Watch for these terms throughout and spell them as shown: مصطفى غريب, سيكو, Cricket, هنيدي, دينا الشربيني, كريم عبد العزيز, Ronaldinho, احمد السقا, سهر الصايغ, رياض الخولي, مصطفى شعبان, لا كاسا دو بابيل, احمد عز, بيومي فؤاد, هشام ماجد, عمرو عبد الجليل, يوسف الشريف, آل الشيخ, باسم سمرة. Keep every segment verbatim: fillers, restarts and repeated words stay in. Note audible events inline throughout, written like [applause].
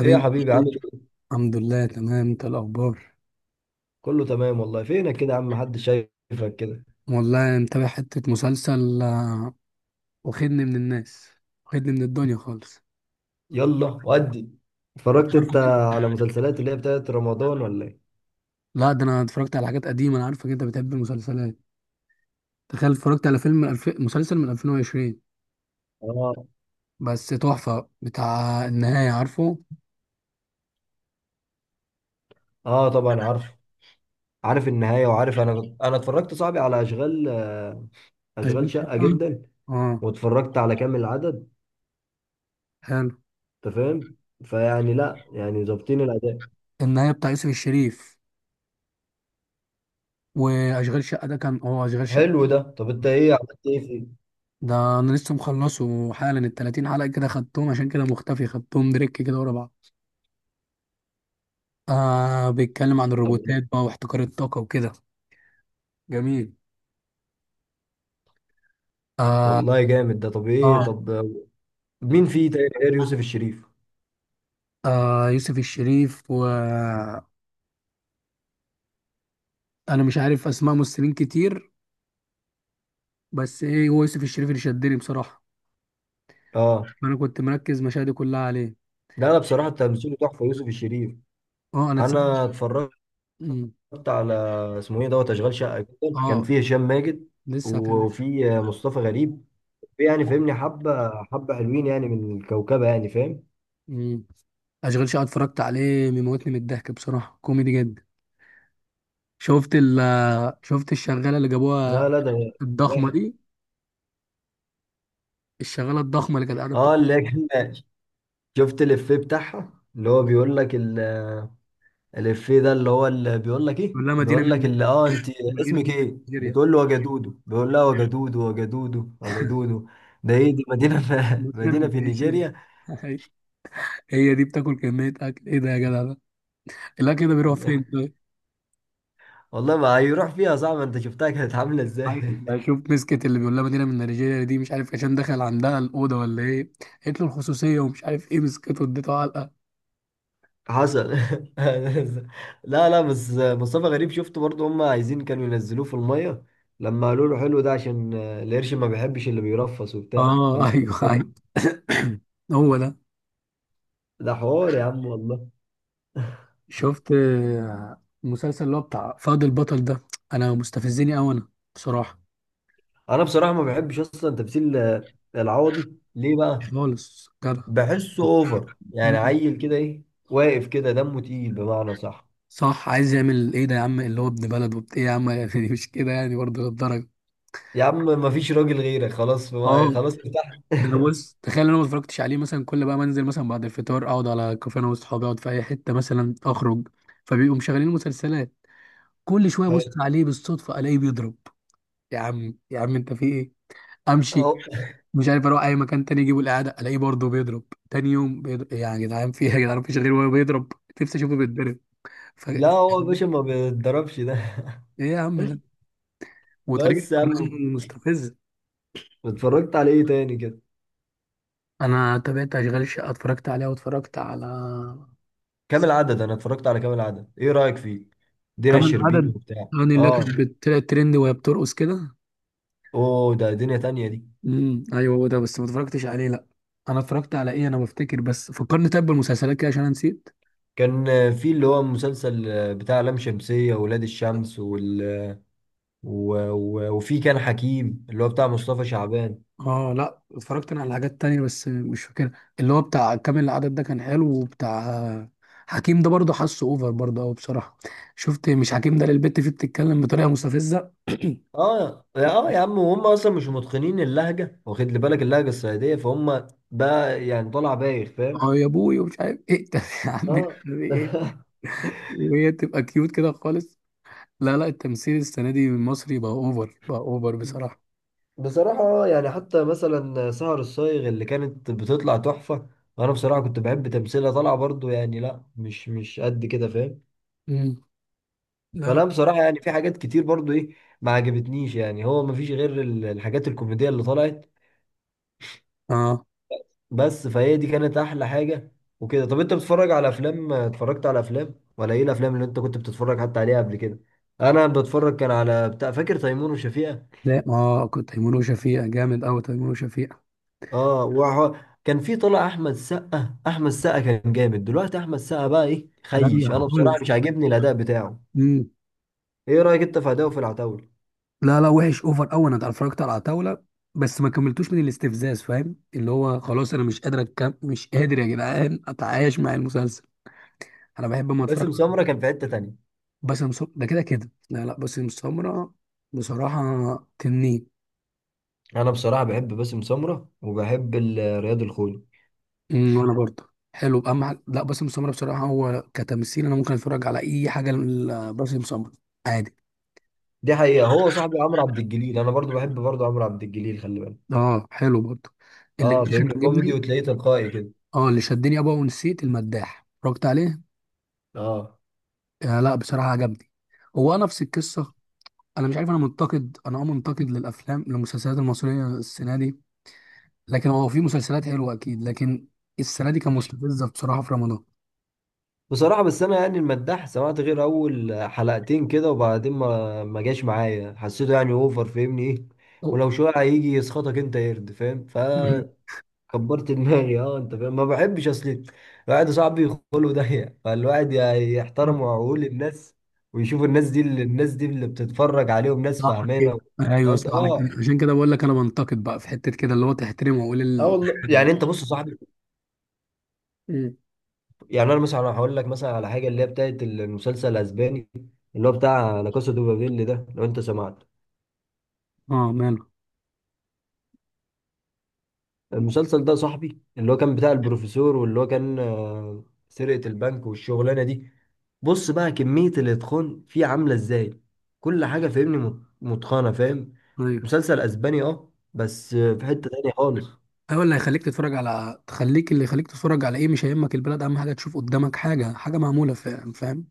ايه يا حبيبي، عامل ايه؟ الحمد لله، تمام. انت الاخبار؟ كله تمام والله. فينك كده يا عم؟ محدش شايفك كده. والله متابع حته مسلسل، آه، واخدني من الناس، واخدني من الدنيا خالص. يلا ودي. أنا اتفرجت عارفك انت انت- على مسلسلات اللي هي بتاعت رمضان ولا ايه؟ لا، ده انا اتفرجت على حاجات قديمه. انا عارفك انت بتحب المسلسلات. تخيل اتفرجت على فيلم من الف... مسلسل من ألفين وعشرين اه. بس تحفه. بتاع النهايه، عارفه اه طبعا عارف. عارف النهاية وعارف انا انا اتفرجت صاحبي على اشغال اشغال اشغال شقه؟ شقة جدا. اه واتفرجت على كامل العدد. حلو. انت فاهم؟ فيعني لا يعني ظابطين الاداء. النهايه بتاع يوسف الشريف، واشغال شقه ده كان، اه، اشغال شقه. حلو ده. طب انت ايه عملت ايه فيه؟ ده انا لسه مخلصه حالا ال تلاتين حلقه كده، خدتهم عشان كده مختفي، خدتهم دريك كده ورا بعض. آه بيتكلم عن طب الروبوتات بقى واحتكار الطاقة وكده. جميل. آه. والله جامد ده. طب ايه؟ آه، طب مين فيه تاني غير يوسف الشريف؟ آه يوسف الشريف وأنا مش عارف أسماء ممثلين كتير، بس إيه، هو يوسف الشريف اللي شدني بصراحة. اه. أنا كنت مركز مشاهدي كلها عليه. لا لا، بصراحة تمثيله تحفة يوسف الشريف. آه، أنا تس... انا اتفرجت مم. على اسمه ايه دوت اشغال شقه جدا. كان آه، فيه هشام ماجد لسه هكلم. وفي مصطفى غريب. في يعني فاهمني، حبه حبه حلوين يعني، من الكوكبه يعني فاهم. مم. أشغال شقة اتفرجت عليه، بيموتني من الضحك بصراحة، كوميدي جدا. شفت ال شفت الشغالة اللي جابوها لا لا ده الضخمة واحد. دي؟ الشغالة الضخمة اللي كانت قاعدة اه بتقول اللي هي كان. شفت الافيه بتاعها اللي هو بيقول لك ال- الافيه ده؟ اللي هو اللي بيقول لك ايه، لها مدينة بيقول لك من، اللي اه انت مدينة اسمك من ايه، نيجيريا، بتقول له وجدودو، بيقول لها وجدودو وجدودو وجدودو. ده ايه دي، مدينه؟ [laughs] في مدينه بتنام في زي شيري. نيجيريا. [laughs] هي دي بتاكل كمية أكل إيه ده يا جدع؟ ده الأكل ده بيروح فين [laughs] طيب؟ والله ما هيروح فيها، صعب. انت شفتها كانت عامله ازاي؟ عايز [laughs] بشوف، مسكت اللي بيقول لها مدينة من نيجيريا دي، مش عارف عشان دخل عندها الأوضة ولا إيه، قالت له الخصوصية ومش عارف إيه، مسكته اديته علقة. حصل. [laughs] لا لا، بس مصطفى غريب شفته برضه، هم عايزين كانوا ينزلوه في الميه لما قالوا له حلو ده عشان القرش ما بيحبش اللي بيرفس وبتاع، آه، قال [laughs] أيوه أيوه. له [clears throat] هو ده. ده حوار يا عم والله. شفت، آه، المسلسل اللي هو بتاع فهد البطل ده؟ أنا مستفزني أوي أنا، بصراحة. انا بصراحه ما بحبش اصلا تمثيل العوضي. ليه مش بقى؟ خالص جدع. بحسه اوفر يعني، مم. عيل كده، ايه واقف كده دمه تقيل بمعنى صح. صح، عايز يعمل إيه ده يا عم؟ اللي هو ابن بلد وبت إيه يا عم؟ [laughs] يعني مش كده يعني، برضه للدرجة. يا عم ما فيش راجل غيرك خلاص. اه. خلاص ارتحت. ده أنا، بص، تخيل انا ما اتفرجتش عليه، مثلا كل بقى منزل مثلا بعد الفطار اقعد على كافيه انا واصحابي، اقعد في اي حته مثلا اخرج، فبيبقوا مشغلين مسلسلات، كل شويه ابص [laughs] عليه بالصدفه الاقيه بيضرب. يا عم يا عم انت في ايه؟ امشي. حلو. مش عارف، اروح اي مكان تاني، اجيبه الاعاده الاقيه برضه بيضرب. تاني يوم بيضرب، إيه يا جدعان في ايه يا جدعان؟ مفيش غير وهو بيضرب. نفسي اشوفه بيتضرب. ف... [laughs] لا ايه هو يا باشا ما بيتضربش ده. يا عم ده؟ [laughs] وطريقه بس يا عم، كلامه مستفزه. اتفرجت على ايه تاني كده؟ انا تابعت اشغال الشقه اتفرجت عليها، واتفرجت على كامل عدد. انا اتفرجت على كامل عدد، ايه رأيك فيه؟ دينا كمان الشربيني عدد. وبتاع اغاني اللي كانت اه. بتطلع ترند وهي بترقص كده. اوه ده دنيا تانية دي. امم، ايوه هو ده، بس ما اتفرجتش عليه لا. انا اتفرجت على ايه انا، بفتكر بس، فكرني طيب بالمسلسلات كده عشان انا نسيت. كان في اللي هو المسلسل بتاع لام شمسية وولاد الشمس وال... و... و... وفي كان حكيم اللي هو بتاع مصطفى شعبان. اه لا، اتفرجت انا على حاجات تانية بس مش فاكرها. اللي هو بتاع كامل العدد ده كان حلو وبتاع. حكيم ده برضه حاسه اوفر برضه قوي بصراحه. شفت مش حكيم ده للبت فيه بتتكلم بطريقه مستفزه؟ [clears throat] اه اه يا عم، وهم اصلا مش متقنين اللهجة، واخد لي بالك؟ اللهجة الصعيدية فهم بقى يعني طالع بايخ فاهم. اه يا ابوي، ومش عارف ايه، [laughs] ده يا عم. اه. إيه؟ [laughs] وهي تبقى كيوت كده خالص. لا لا، التمثيل السنة دي المصري بقى اوفر، بقى اوفر بصراحة. بصراحة، آه، يعني حتى مثلا سهر الصايغ اللي كانت بتطلع تحفة وأنا بصراحة كنت بحب تمثيلها، طالعة برضو يعني لا، مش مش قد كده فاهم. امم. لا فأنا لا. بصراحة يعني في حاجات كتير برضو إيه ما عجبتنيش يعني. هو مفيش غير ال- الحاجات الكوميدية اللي طلعت اه. بس. فهي دي كانت أحلى حاجة وكده. طب أنت بتتفرج على أفلام؟ اتفرجت على أفلام ولا إيه؟ الأفلام اللي أنت كنت بتتفرج حتى عليها قبل كده؟ أنا بتفرج كان على بتاع، فاكر تيمور وشفيقة؟ لا اه، كنت تيمور وشفيقة جامد قوي، تيمور وشفيقة. اه وهو كان في طلع احمد السقا. احمد السقا كان جامد. دلوقتي احمد السقا بقى ايه رايق خيش، انا بصراحه خالص. مش عاجبني الاداء بتاعه. امم. ايه رايك انت في اداؤه في العتاوله؟ لا لا، وحش اوفر قوي. انا اتفرجت على عتاولة بس ما كملتوش من الاستفزاز، فاهم؟ اللي هو خلاص انا مش قادر أتكم... مش قادر يا جدعان اتعايش مع المسلسل. انا بحب اما اتفرج. باسم سمره كان في حته تانية. باسم سمرة ده كده كده، لا لا، باسم سمرة بصراحة تنين. انا بصراحه بحب باسم سمره وبحب ال- رياض الخولي. امم، وانا برضه حلو بقى مع... لا، باسم سمرة بصراحة هو كتمثيل، انا ممكن اتفرج على اي حاجة لباسم سمرة عادي. دي حقيقه. هو صاحبي عمرو عبد الجليل، انا برضو بحب برضو عمرو عبد الجليل، خلي بالك. اه حلو برضه، اللي جه اه كان فاهمني، كوميدي عجبني. وتلاقيه تلقائي كده. اه، اللي شدني ابا، ونسيت المداح اتفرجت عليه. اه آه لا، بصراحة عجبني. هو نفس القصة. انا مش عارف، انا منتقد، انا، اه، منتقد للافلام، للمسلسلات المصرية السنة دي. لكن هو في مسلسلات حلوة اكيد، لكن السنة دي كان مستفزة بصراحة في رمضان. بصراحة، بس أنا يعني المداح سمعت غير أول حلقتين كده وبعدين ما ما جاش معايا. حسيته يعني أوفر فاهمني إيه، أو- ولو شوية هيجي يسخطك أنت، يرد فاهم. فكبرت [laughs] دماغي. أه أنت فاهم؟ ما بحبش أصل الواحد صاحبي خلقه ضيق. [laughs] فالواحد ي- يحترم [laughs] عقول الناس ويشوف الناس دي اللي الناس دي اللي بتتفرج عليهم ناس صح كده، فاهمانة. ايوه قد- صح كده. أه. عشان كده بقول لك انا بنتقد بقى في حته كده اللي هو تحترمه واقول اه ال... والله، الحاجه دي. يعني انت بص يا صاحبي، مم. يعني انا مثلا هقول لك مثلا على حاجه اللي هي بتاعت المسلسل الاسباني اللي هو بتاع لا كاسا دو بابيل ده. لو انت سمعت اه ماله. المسلسل ده صاحبي، اللي هو كان بتاع البروفيسور واللي هو كان آه، سرقة البنك والشغلانة دي، بص بقى كمية الإتقان فيه عاملة إزاي. كل حاجة فاهمني مت- متقنة فاهم. ايوه مسلسل أسباني أه، بس آه، في حتة تانية خالص. ايوه، اللي هيخليك تتفرج على، تخليك، اللي يخليك تتفرج على ايه، مش هيهمك البلد، اهم حاجه تشوف قدامك حاجه، حاجه معموله، فاهم، فاهم.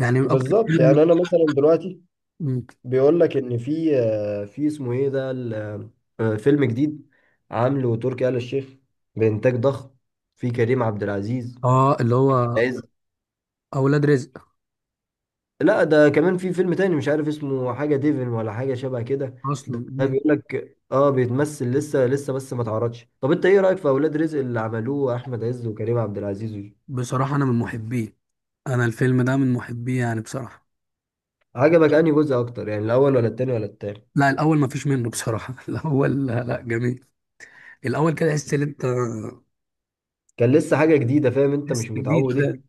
يعني من اكتر بالظبط، فيلم. يعني انا مثلا دلوقتي مم. بيقول لك ان في آه، في اسمه ايه ده ال- آه، فيلم جديد عامله تركي آل الشيخ، بانتاج ضخم، في كريم عبد العزيز، اه اللي هو عز. اولاد رزق. لا ده كمان في فيلم تاني مش عارف اسمه، حاجة ديفن ولا حاجة شبه كده. اصلا. ده ده مم. بيقول لك اه بيتمثل لسه لسه، بس ما اتعرضش. طب انت ايه رأيك في اولاد رزق اللي عملوه احمد عز وكريم عبد العزيز؟ بصراحه انا من محبيه. انا الفيلم ده من محبيه يعني بصراحه. عجبك انهي جزء اكتر؟ يعني الاول ولا التاني ولا التاني لا، الاول ما فيش منه بصراحه. [laughs] الاول، لا لا، جميل. الاول كده تحس ان انت، كان لسه حاجة جديدة فاهم، انت تحس مش جديد متعود ايه. ده.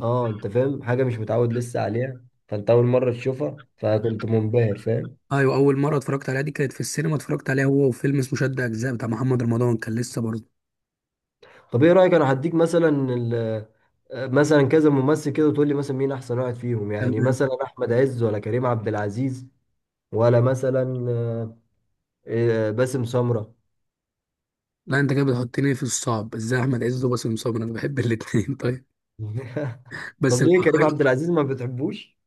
اه انت فاهم، حاجة مش متعود لسه عليها، فانت اول مرة تشوفها فكنت منبهر فاهم. ايوه، اول مره اتفرجت عليها دي كانت في السينما، اتفرجت عليها هو وفيلم اسمه شد اجزاء بتاع محمد رمضان، كان لسه برضه. طب ايه رأيك، انا هديك مثلا ال- مثلا كذا ممثل كده وتقول لي مثلا مين احسن واحد فيهم، يعني تمام. مثلا احمد عز ولا كريم عبد العزيز، ولا مثلا آه، آه، باسم سمرة. لا انت كده بتحطني في الصعب، ازاي احمد عز وباسم سمرة، انا بحب الاثنين. [laughs] طيب. [laughs] بس طب لو ليه كريم عبد هخير- العزيز ما بتحبوش؟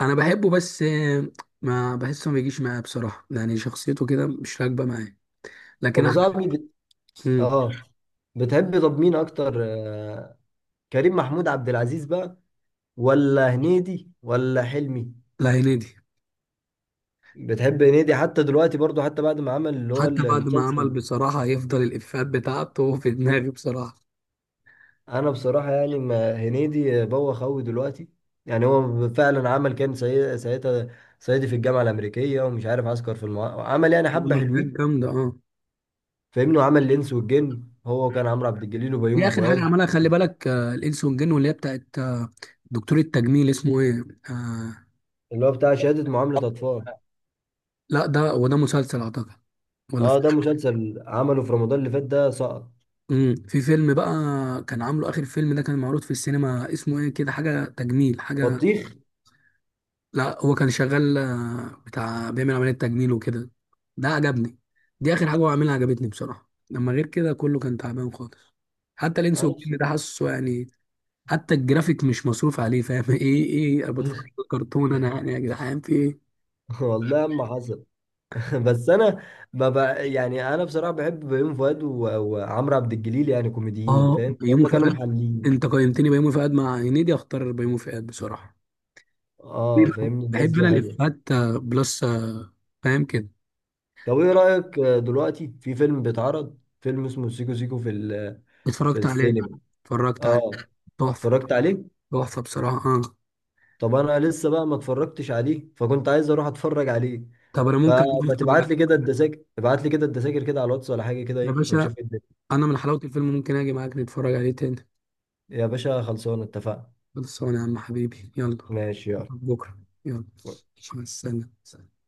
انا بحبه بس، آه، ما بحسه، ما بيجيش معايا بصراحه، يعني شخصيته كده مش راكبه معايا، طب لكن يا احمد. صاحبي بت... مم. اه بتحب. طب مين اكتر، آه، كريم محمود عبد العزيز بقى ولا هنيدي ولا حلمي؟ لا، هنيدي. بتحب هنيدي حتى دلوقتي برضو؟ حتى بعد ما عمل اللي هو حتى بعد ما عمل المسلسل؟ بصراحه هيفضل الافيهات بتاعته في دماغي بصراحه. انا بصراحه يعني ما، هنيدي بوخ قوي دلوقتي. يعني هو فعلا عمل، كان سي- ساعتها صعيدي في الجامعه الامريكيه ومش عارف عسكر في المعارف. عمل يعني عمل حبه حاجات حلوين جامده، اه. فاهمني، وعمل الانس والجن هو وكان عمرو عبد الجليل دي وبيومي اخر حاجه فؤاد. عملها، خلي بالك، آه، الانس والجن، واللي هي بتاعت، آه، دكتور التجميل اسمه ايه. آه. اللي هو بتاع شهاده معامله اطفال؟ لا، ده هو ده مسلسل اعتقد، ولا في. اه ده مسلسل عمله في رمضان اللي فات، ده سقط امم، في فيلم بقى، كان عامله اخر فيلم ده كان معروض في السينما، اسمه ايه كده، حاجه تجميل حاجه. بطيخ. لا هو كان شغال، آه، بتاع بيعمل عمليه تجميل وكده. ده عجبني، دي اخر حاجه هو عاملها عجبتني بصراحه. لما غير كده كله كان تعبان خالص. حتى الانس انا بص- والجن ده، حاسه يعني، حتى الجرافيك مش مصروف عليه، فاهم؟ [laughs] ايه ايه، أنا بتفرج [laughs] على كرتون انا يعني، يا جدعان في ايه؟ والله ما حصل. [laughs] بس انا ما بقى يعني. انا بصراحه بحب بيومي فؤاد و- وعمرو عبد الجليل، يعني كوميديين اه فاهم، بيومي هم كانوا فؤاد. محللين. انت قيمتني بيومي فؤاد مع هنيدي، اختار بيومي فؤاد بصراحه. ليه اه بقى؟ فاهمني، الناس بحب دي انا حلوه. الافيهات، آه، بلس، آه، فاهم كده. طب ايه رايك آه، دلوقتي في فيلم بيتعرض، فيلم اسمه سيكو سيكو في ال- في اتفرجت عليه. السينما؟ اتفرجت عليه. اه تحفه. اتفرجت عليه. تحفه بصراحه، اه. طب انا لسه بقى ما اتفرجتش عليه فكنت عايز اروح اتفرج عليه، طب انا ممكن أجي فما اتفرج تبعت لي عليه كده تاني. الدساكر، ابعت لي كده الدساكر كده على الواتس ولا حاجه كده يا ايه، باشا، ونشوف ايه الدنيا. انا من حلاوه الفيلم ممكن اجي معاك نتفرج عليه تاني. يا باشا خلصانه اتفقنا. خلصانه يا عم حبيبي، يلا. ماشي يلا. بكره. يلا. مع السلامه.